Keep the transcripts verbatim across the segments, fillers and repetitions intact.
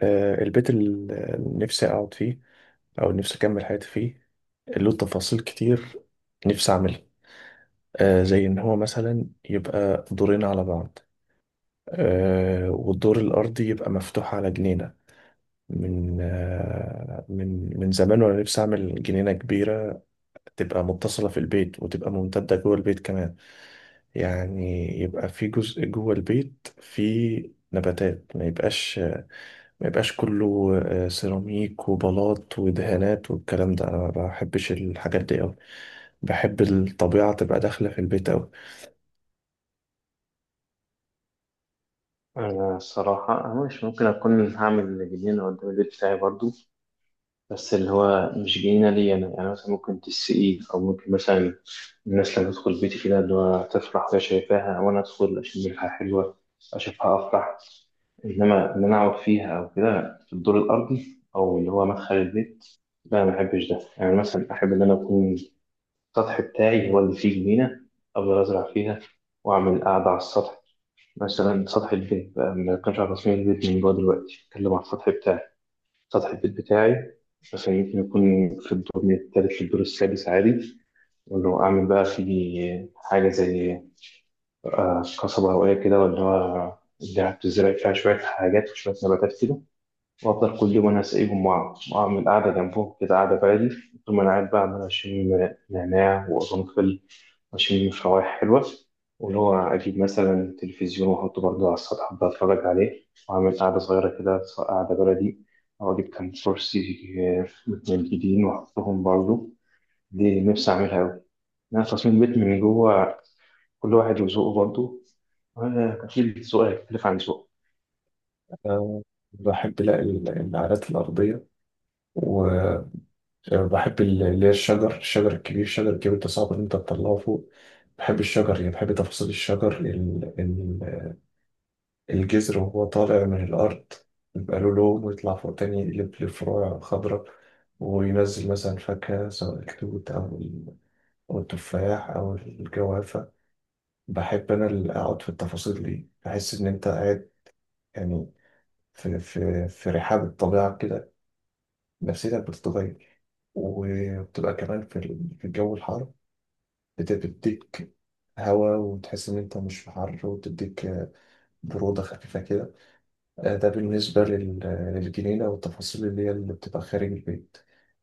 آه، البيت اللي نفسي أقعد فيه أو نفسي أكمل حياتي فيه له تفاصيل كتير نفسي أعملها. آه، زي إن هو مثلا يبقى دورين على بعض. آه، والدور الأرضي يبقى مفتوح على جنينة. من آه، من من زمان وأنا نفسي أعمل جنينة كبيرة تبقى متصلة في البيت وتبقى ممتدة جوه البيت كمان. يعني يبقى في جزء جوه البيت فيه نباتات، ما يبقاش ما يبقاش كله آه، سيراميك وبلاط ودهانات والكلام ده. انا ما بحبش الحاجات دي قوي، بحب الطبيعة تبقى داخلة في البيت قوي. أنا الصراحة أنا مش ممكن أكون هعمل جنينة قدام البيت بتاعي برضو. بس اللي هو مش جنينة ليا أنا، يعني مثلا ممكن تسقيه أو ممكن مثلا الناس لما تدخل بيتي كده اللي هو تفرح وهي شايفاها، وأنا أدخل أشم ريحة حلوة أشوفها أفرح. إنما إن أنا أقعد فيها أو كده في الدور الأرضي أو اللي هو مدخل البيت، لا ما بحبش ده. يعني مثلا أحب إن أنا أكون السطح بتاعي هو اللي فيه جنينة، أفضل أزرع فيها وأعمل قعدة على السطح. مثلا سطح البيت بقى، ما بتكلمش على تصميم البيت من جوه دلوقتي، بتكلم على السطح بتاعي. سطح البيت بتاعي مثلا يمكن يكون في الدور من التالت للدور السادس عادي، وإنه أعمل بقى فيه حاجة زي آه، قصبة هوائية كده ولا هو اللي بتزرع فيها شوية حاجات وشوية نباتات كده. وأفضل كل يوم أنا أسقيهم وأع- وأعمل قعدة جنبهم كده، قعدة بعيدة. طول ما أنا قاعد بقى عمال أشم نعناع وقرنفل وأشم في روائح حلوة، واللي هو أجيب مثلا تلفزيون وأحطه برضه على السطح، أبدأ أتفرج عليه وأعمل قعدة صغيرة كده، سواء قعدة بلدي أو أجيب كام كرسي متنجدين وأحطهم برضه. دي نفسي أعملها أوي. أنا تصميم البيت من جوه، كل واحد وذوقه برضه، وأنا أكيد ذوقي هيختلف عن ذوقه. أنا بحب، لا، ال- النعلات الأرضية، وبحب ال- اللي هي الشجر الشجر الكبير الشجر الكبير ده صعب إن أنت تطلعه فوق. بحب الشجر، يعني بحب تفاصيل الشجر. الجذر وهو طالع من الأرض يبقى له لون، ويطلع فوق تاني يقلب لفروع خضراء، وينزل مثلا فاكهة، سواء التوت أو ال- أو التفاح أو الجوافة. بحب أنا اللي أقعد في التفاصيل دي، بحس إن أنت قاعد يعني في, في, في رحاب الطبيعة كده، نفسيتك بتتغير. وبتبقى كمان في ال- في الجو الحار بت- بتديك هوا، وتحس إن أنت مش في حر، وتديك برودة خفيفة كده. آه، ده بالنسبة لل- للجنينة والتفاصيل اللي هي اللي بتبقى خارج البيت.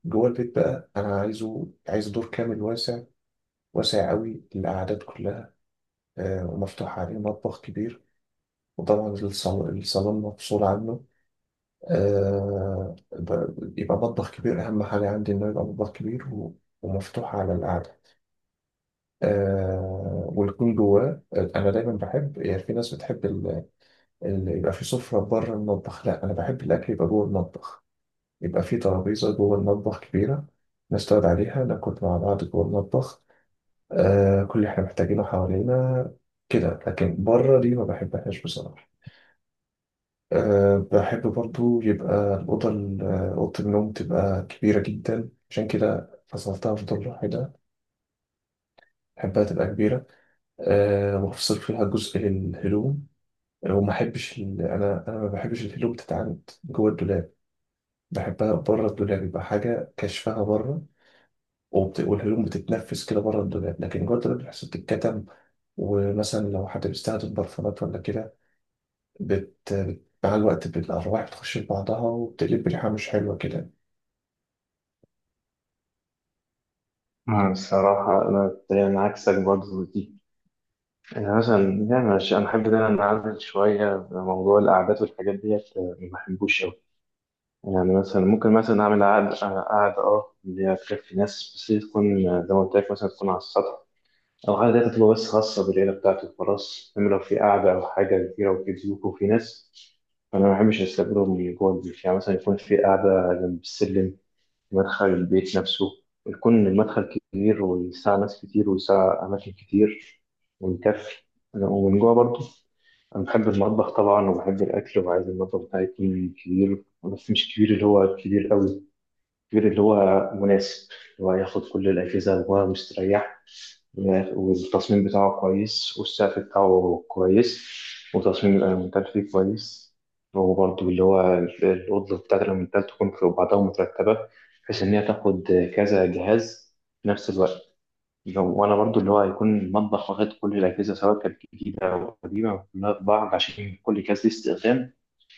جوه البيت بقى أنا عايزه عايز دور كامل واسع، واسع قوي للقعدات كلها. آه، ومفتوح عليه مطبخ كبير، وطبعا الصالون، الصالون مفصول عنه. آه، ب- يبقى مطبخ كبير، أهم حاجة عندي إنه يبقى مطبخ كبير و- ومفتوح على القعدة. آه ويكون جواه، أنا دايما بحب، يعني في ناس بتحب ال- ال- يبقى في سفرة بره المطبخ، لا أنا بحب الأكل يبقى جوه المطبخ، يبقى في ترابيزة جوه المطبخ كبيرة نستعد عليها ناكل مع بعض جوه المطبخ. آه كل اللي احنا محتاجينه حوالينا كده، لكن بره دي ما بحبهاش بصراحة. أه بحب برضو يبقى الأوضة، ال- آه، أوضة النوم تبقى كبيرة جدا، عشان كده فصلتها في دور لوحدي ده. بحبها تبقى كبيرة. أه وأفصل فيها جزء للهدوم. آه، وما أحبش ال... أنا أنا ما بحبش الهدوم تتعند جوه الدولاب، بحبها بره الدولاب، يبقى حاجة كشفها بره. وبت... والهدوم بتتنفس كده بره الدولاب، لكن جوه الدولاب بتحس بتتكتم. ومثلا لو حد بيستخدم برفانات ولا كده، بت... بت- مع الوقت بت- الأرواح بتخش في بعضها وبتقلب ريحة مش حلوة كده. أنا الصراحة أنا تقريبا عكسك برضه دي. أنا مثلا، يعني أنا ش- أنا أحب إن أنا أنعزل شوية في موضوع القعدات والحاجات ديت، آه، ما بحبوش أوي. يعني مثلا ممكن مثلا أعمل قعدة قعدة أه، اللي هي تكفي ناس، بس هي تكون آه، زي ما قلت لك مثلا تكون على السطح، أو القعدة دي تبقى بس خاصة بالعيلة بتاعتي وخلاص. إنما لو في قعدة أو حاجة كبيرة وفي ضيوف وفي ناس، فأنا ما بحبش أستقبلهم من جوه البيت. يعني مثلا يكون في قعدة جنب السلم في مدخل البيت نفسه، يكون المدخل كبير ويسع ناس كتير ويسع أماكن كتير ويكفي. ومن جوه برضه أنا بحب المطبخ طبعا وبحب الأكل، وعايز المطبخ بتاعي يكون كبير، بس مش كبير اللي هو كبير قوي، كبير اللي هو مناسب، اللي هو ياخد كل الأجهزة وهو مستريح، والتصميم بتاعه كويس والسقف بتاعه كويس وتصميم الألمنتال فيه كويس. وبرضه اللي هو الأوضة بتاعت الألمنتال تكون في بعضها مترتبة، بحيث إن هي تاخد كذا جهاز في نفس الوقت. لو انا برضو اللي هو هيكون المطبخ واخد كل الاجهزه سواء كانت جديده او قديمه كلها في بعض، عشان كل جهاز ليه استخدام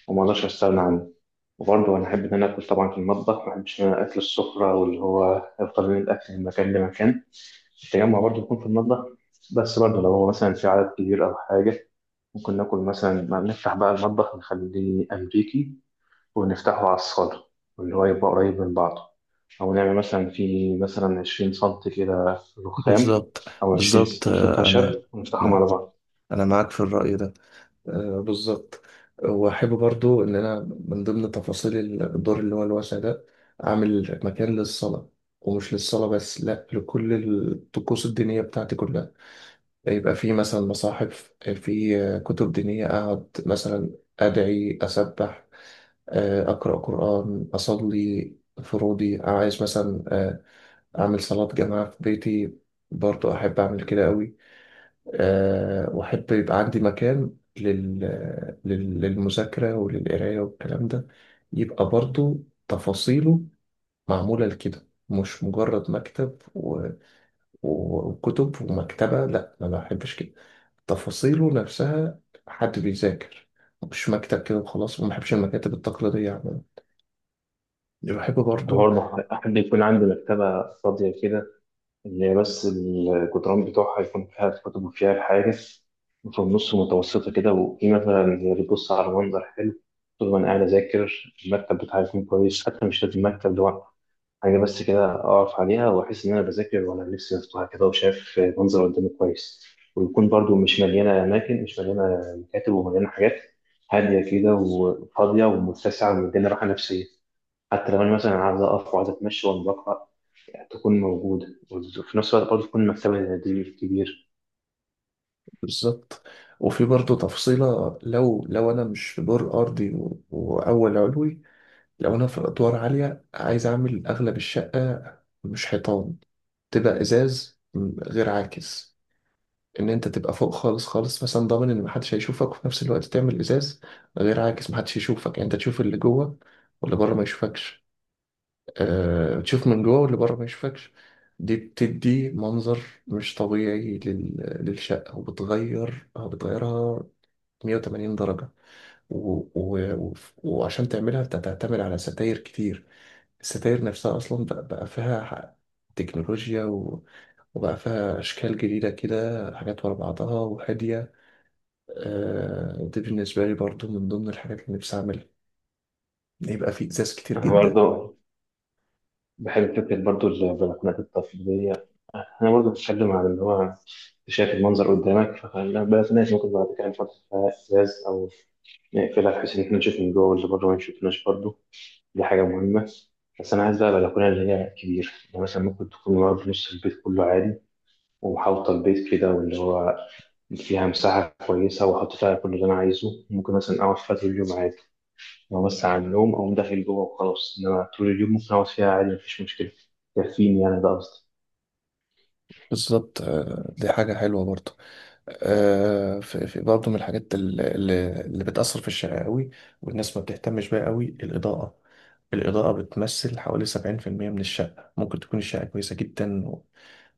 وما اقدرش استغنى عنه. وبرضه انا احب ان انا اكل طبعا في المطبخ، ما احبش ان انا اكل السفره، واللي هو افضل من الاكل من مكان لمكان. التجمع برضه يكون في المطبخ، بس برضه لو هو مثلا في عدد كبير او حاجه، ممكن ناكل مثلا، ما نفتح بقى المطبخ نخليه امريكي ونفتحه على الصالة، واللي هو يبقى قريب من بعضه. أو نعمل مثلا في مثلا عشرين سنتي كده رخام بالظبط، أو عشرين بالظبط، سنتي آه، انا، خشب ونفتحهم على لا، بعض. انا معاك في الرأي ده. آه، بالظبط. وأحب برضو إن أنا من ضمن تفاصيل الدور اللي هو الواسع ده أعمل مكان للصلاة، ومش للصلاة بس، لأ، لكل الطقوس الدينية بتاعتي كلها. يبقى في مثلا مصاحف، في كتب دينية، أقعد مثلا أدعي، أسبح، آه، أقرأ قرآن، أصلي فروضي. عايز مثلا آه، أعمل صلاة جماعة في بيتي، برضو أحب أعمل كده أوي. أه، وأحب يبقى عندي مكان لل... لل- للمذاكرة وللقراية والكلام ده، يبقى برضو تفاصيله معمولة لكده، مش مجرد مكتب وكتب ومكتبة، لا أنا ما بحبش كده. تفاصيله نفسها حد بيذاكر، مش مكتب كده وخلاص. وما بحبش المكاتب التقليدية عموما. اللي بحب أنا برضو، برضه أحب يكون عندي مكتبة فاضية كده، اللي هي بس الجدران بتوعها يكون فيها الكتب وفيها الحاجز، وفي النص متوسطة كده، وفي مثلا اللي بتبص على منظر حلو طول ما أنا قاعد أذاكر. المكتب بتاعي يكون كويس، حتى مش لازم مكتب لوحده، حاجة بس كده أقف عليها وأحس إن أنا بذاكر وأنا نفسي مفتوحة كده وشايف منظر قدامي كويس. ويكون برضو مش مليانة أماكن، مش مليانة مكاتب ومليانة حاجات، هادية كده وفاضية ومتسعة ومديني راحة نفسية، حتى لو أنا مثلا عايز أقف وعايز أتمشى وأنا بقرأ تكون موجودة. وفي نفس الوقت برضو تكون مكتبة دي كبير. بالظبط. وفي برضو تفصيلة، لو لو أنا مش في دور أرضي و- وأول علوي، لو أنا في أدوار عالية عايز أعمل أغلب الشقة مش حيطان، تبقى إزاز غير عاكس، ان انت تبقى فوق خالص خالص، مثلا ضامن ان محدش هيشوفك، وفي نفس الوقت تعمل ازاز غير عاكس، محدش يشوفك، يعني انت تشوف اللي جوه واللي بره ما يشوفكش. أه تشوف من جوه واللي بره ما يشوفكش. دي بتدي منظر مش طبيعي لل... للشقة، وبتغير آه، بتغيرها مية وتمانين درجة. و... و... و... وعشان تعملها انت هتعتمد على ستاير كتير. الستاير نفسها اصلا بقى, بقى فيها ح- تكنولوجيا، و... وبقى فيها اشكال جديدة كده، حاجات ورا بعضها وهادية. آه، دي بالنسبة لي برضو من ضمن الحاجات اللي نفسي أعملها، يبقى في إزاز كتير أنا جدا. برضو بحب فكرة برضو البلكونات التقليدية. أنا برضو بتكلم عن اللي هو شايف المنظر قدامك، فخلي بالك، الناس ممكن بعد كده نحط فيها إزاز أو نقفلها بحيث إن إحنا نشوف من جوه واللي بره ما يشوفناش برضه. دي حاجة مهمة. بس أنا عايز بقى بلكونة اللي هي كبيرة، يعني مثلا ممكن تكون ورا في نص البيت كله عادي، ومحاوطة البيت كده، واللي هو فيها مساحة كويسة وأحط فيها كل اللي أنا عايزه. ممكن مثلا أقعد فيها طول اليوم عادي، لو بس على النوم أقوم داخل جوه وخلاص، إنما طول اليوم ممكن أقعد فيها عادي، مفيش مشكلة، يكفيني. يعني ده قصدي. بالظبط. آه، دي حاجة حلوة برضو. آه، في في برضو من الحاجات اللي, اللي اللي بتأثر في الشارع قوي، والناس ما بتهتمش بيها قوي: الإضاءة. الإضاءة بتمثل حوالي سبعين في المية من الشقة. ممكن تكون الشقة كويسة جدا و-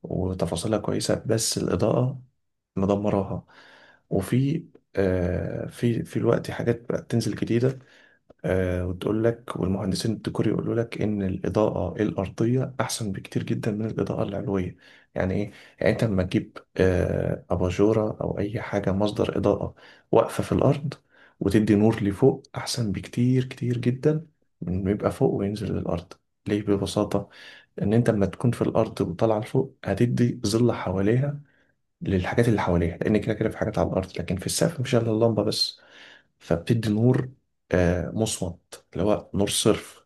وتفاصيلها كويسة، بس الإضاءة مدمراها. وفي آه، في في الوقت حاجات بقت تنزل جديدة. آه، وتقول لك، والمهندسين الديكور يقولوا لك، ان الاضاءه الارضيه احسن بكتير جدا من الاضاءه العلويه. يعني ايه؟ يعني انت لما تجيب آه، اباجوره او اي حاجه مصدر اضاءه واقفه في الارض وتدي نور لفوق، احسن بكتير كتير جدا من ما يبقى فوق وينزل للارض. ليه؟ ببساطه، ان انت لما تكون في الارض وطالعه لفوق هتدي ظل حواليها، للحاجات اللي حواليها، لان كده كده في حاجات على الارض، لكن في السقف مفيش الا اللمبه بس، فبتدي نور آه، مصمت، اللي هو نور صرف.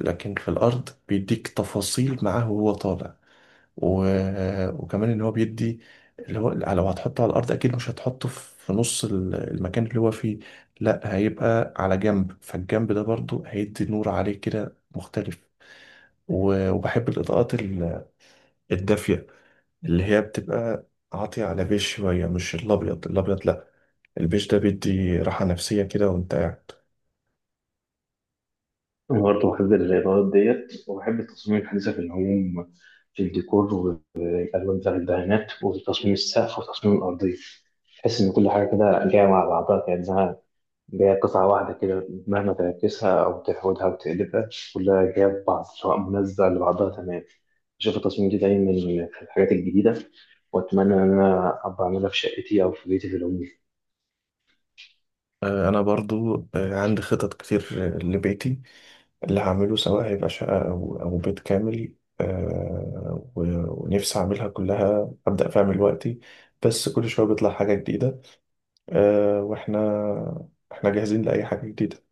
لكن في الأرض بيديك تفاصيل معاه وهو طالع. و... وكمان إن هو بيدي، اللي هو لو هتحطه على الأرض أكيد مش هتحطه في نص ال- المكان اللي هو فيه، لا هيبقى على جنب، فالجنب ده برضو هيدي نور عليه كده مختلف. و... وبحب الإضاءات ال- الدافية، اللي هي بتبقى عاطية على بيج شوية، مش الأبيض الأبيض، لا، البيج ده بيدي راحة نفسية كده وأنت قاعد. أنا برضه بحب الإضاءات ديت، وبحب التصميم الحديثة في العموم، في الديكور والألوان بتاع الدهانات وتصميم السقف وتصميم الأرضية. تحس إن كل حاجة كده جاية مع بعضها، كأنها جاية قطعة واحدة كده، مهما تعكسها أو تحودها أو تقلبها كلها جاية في بعض، سواء منسقة لبعضها تمام. بشوف التصميم دي دايما في الحاجات الجديدة، وأتمنى إن أنا أبقى أعملها في شقتي أو في بيتي في العموم. آه، انا برضو آه، عندي خطط كتير آه، لبيتي اللي هعمله، سواء هيبقى شقة او او بيت كامل. آه، و- ونفسي اعملها كلها، ابدا فيها من دلوقتي، بس كل شوية بيطلع حاجة جديدة. آه، واحنا احنا جاهزين لاي حاجة جديدة.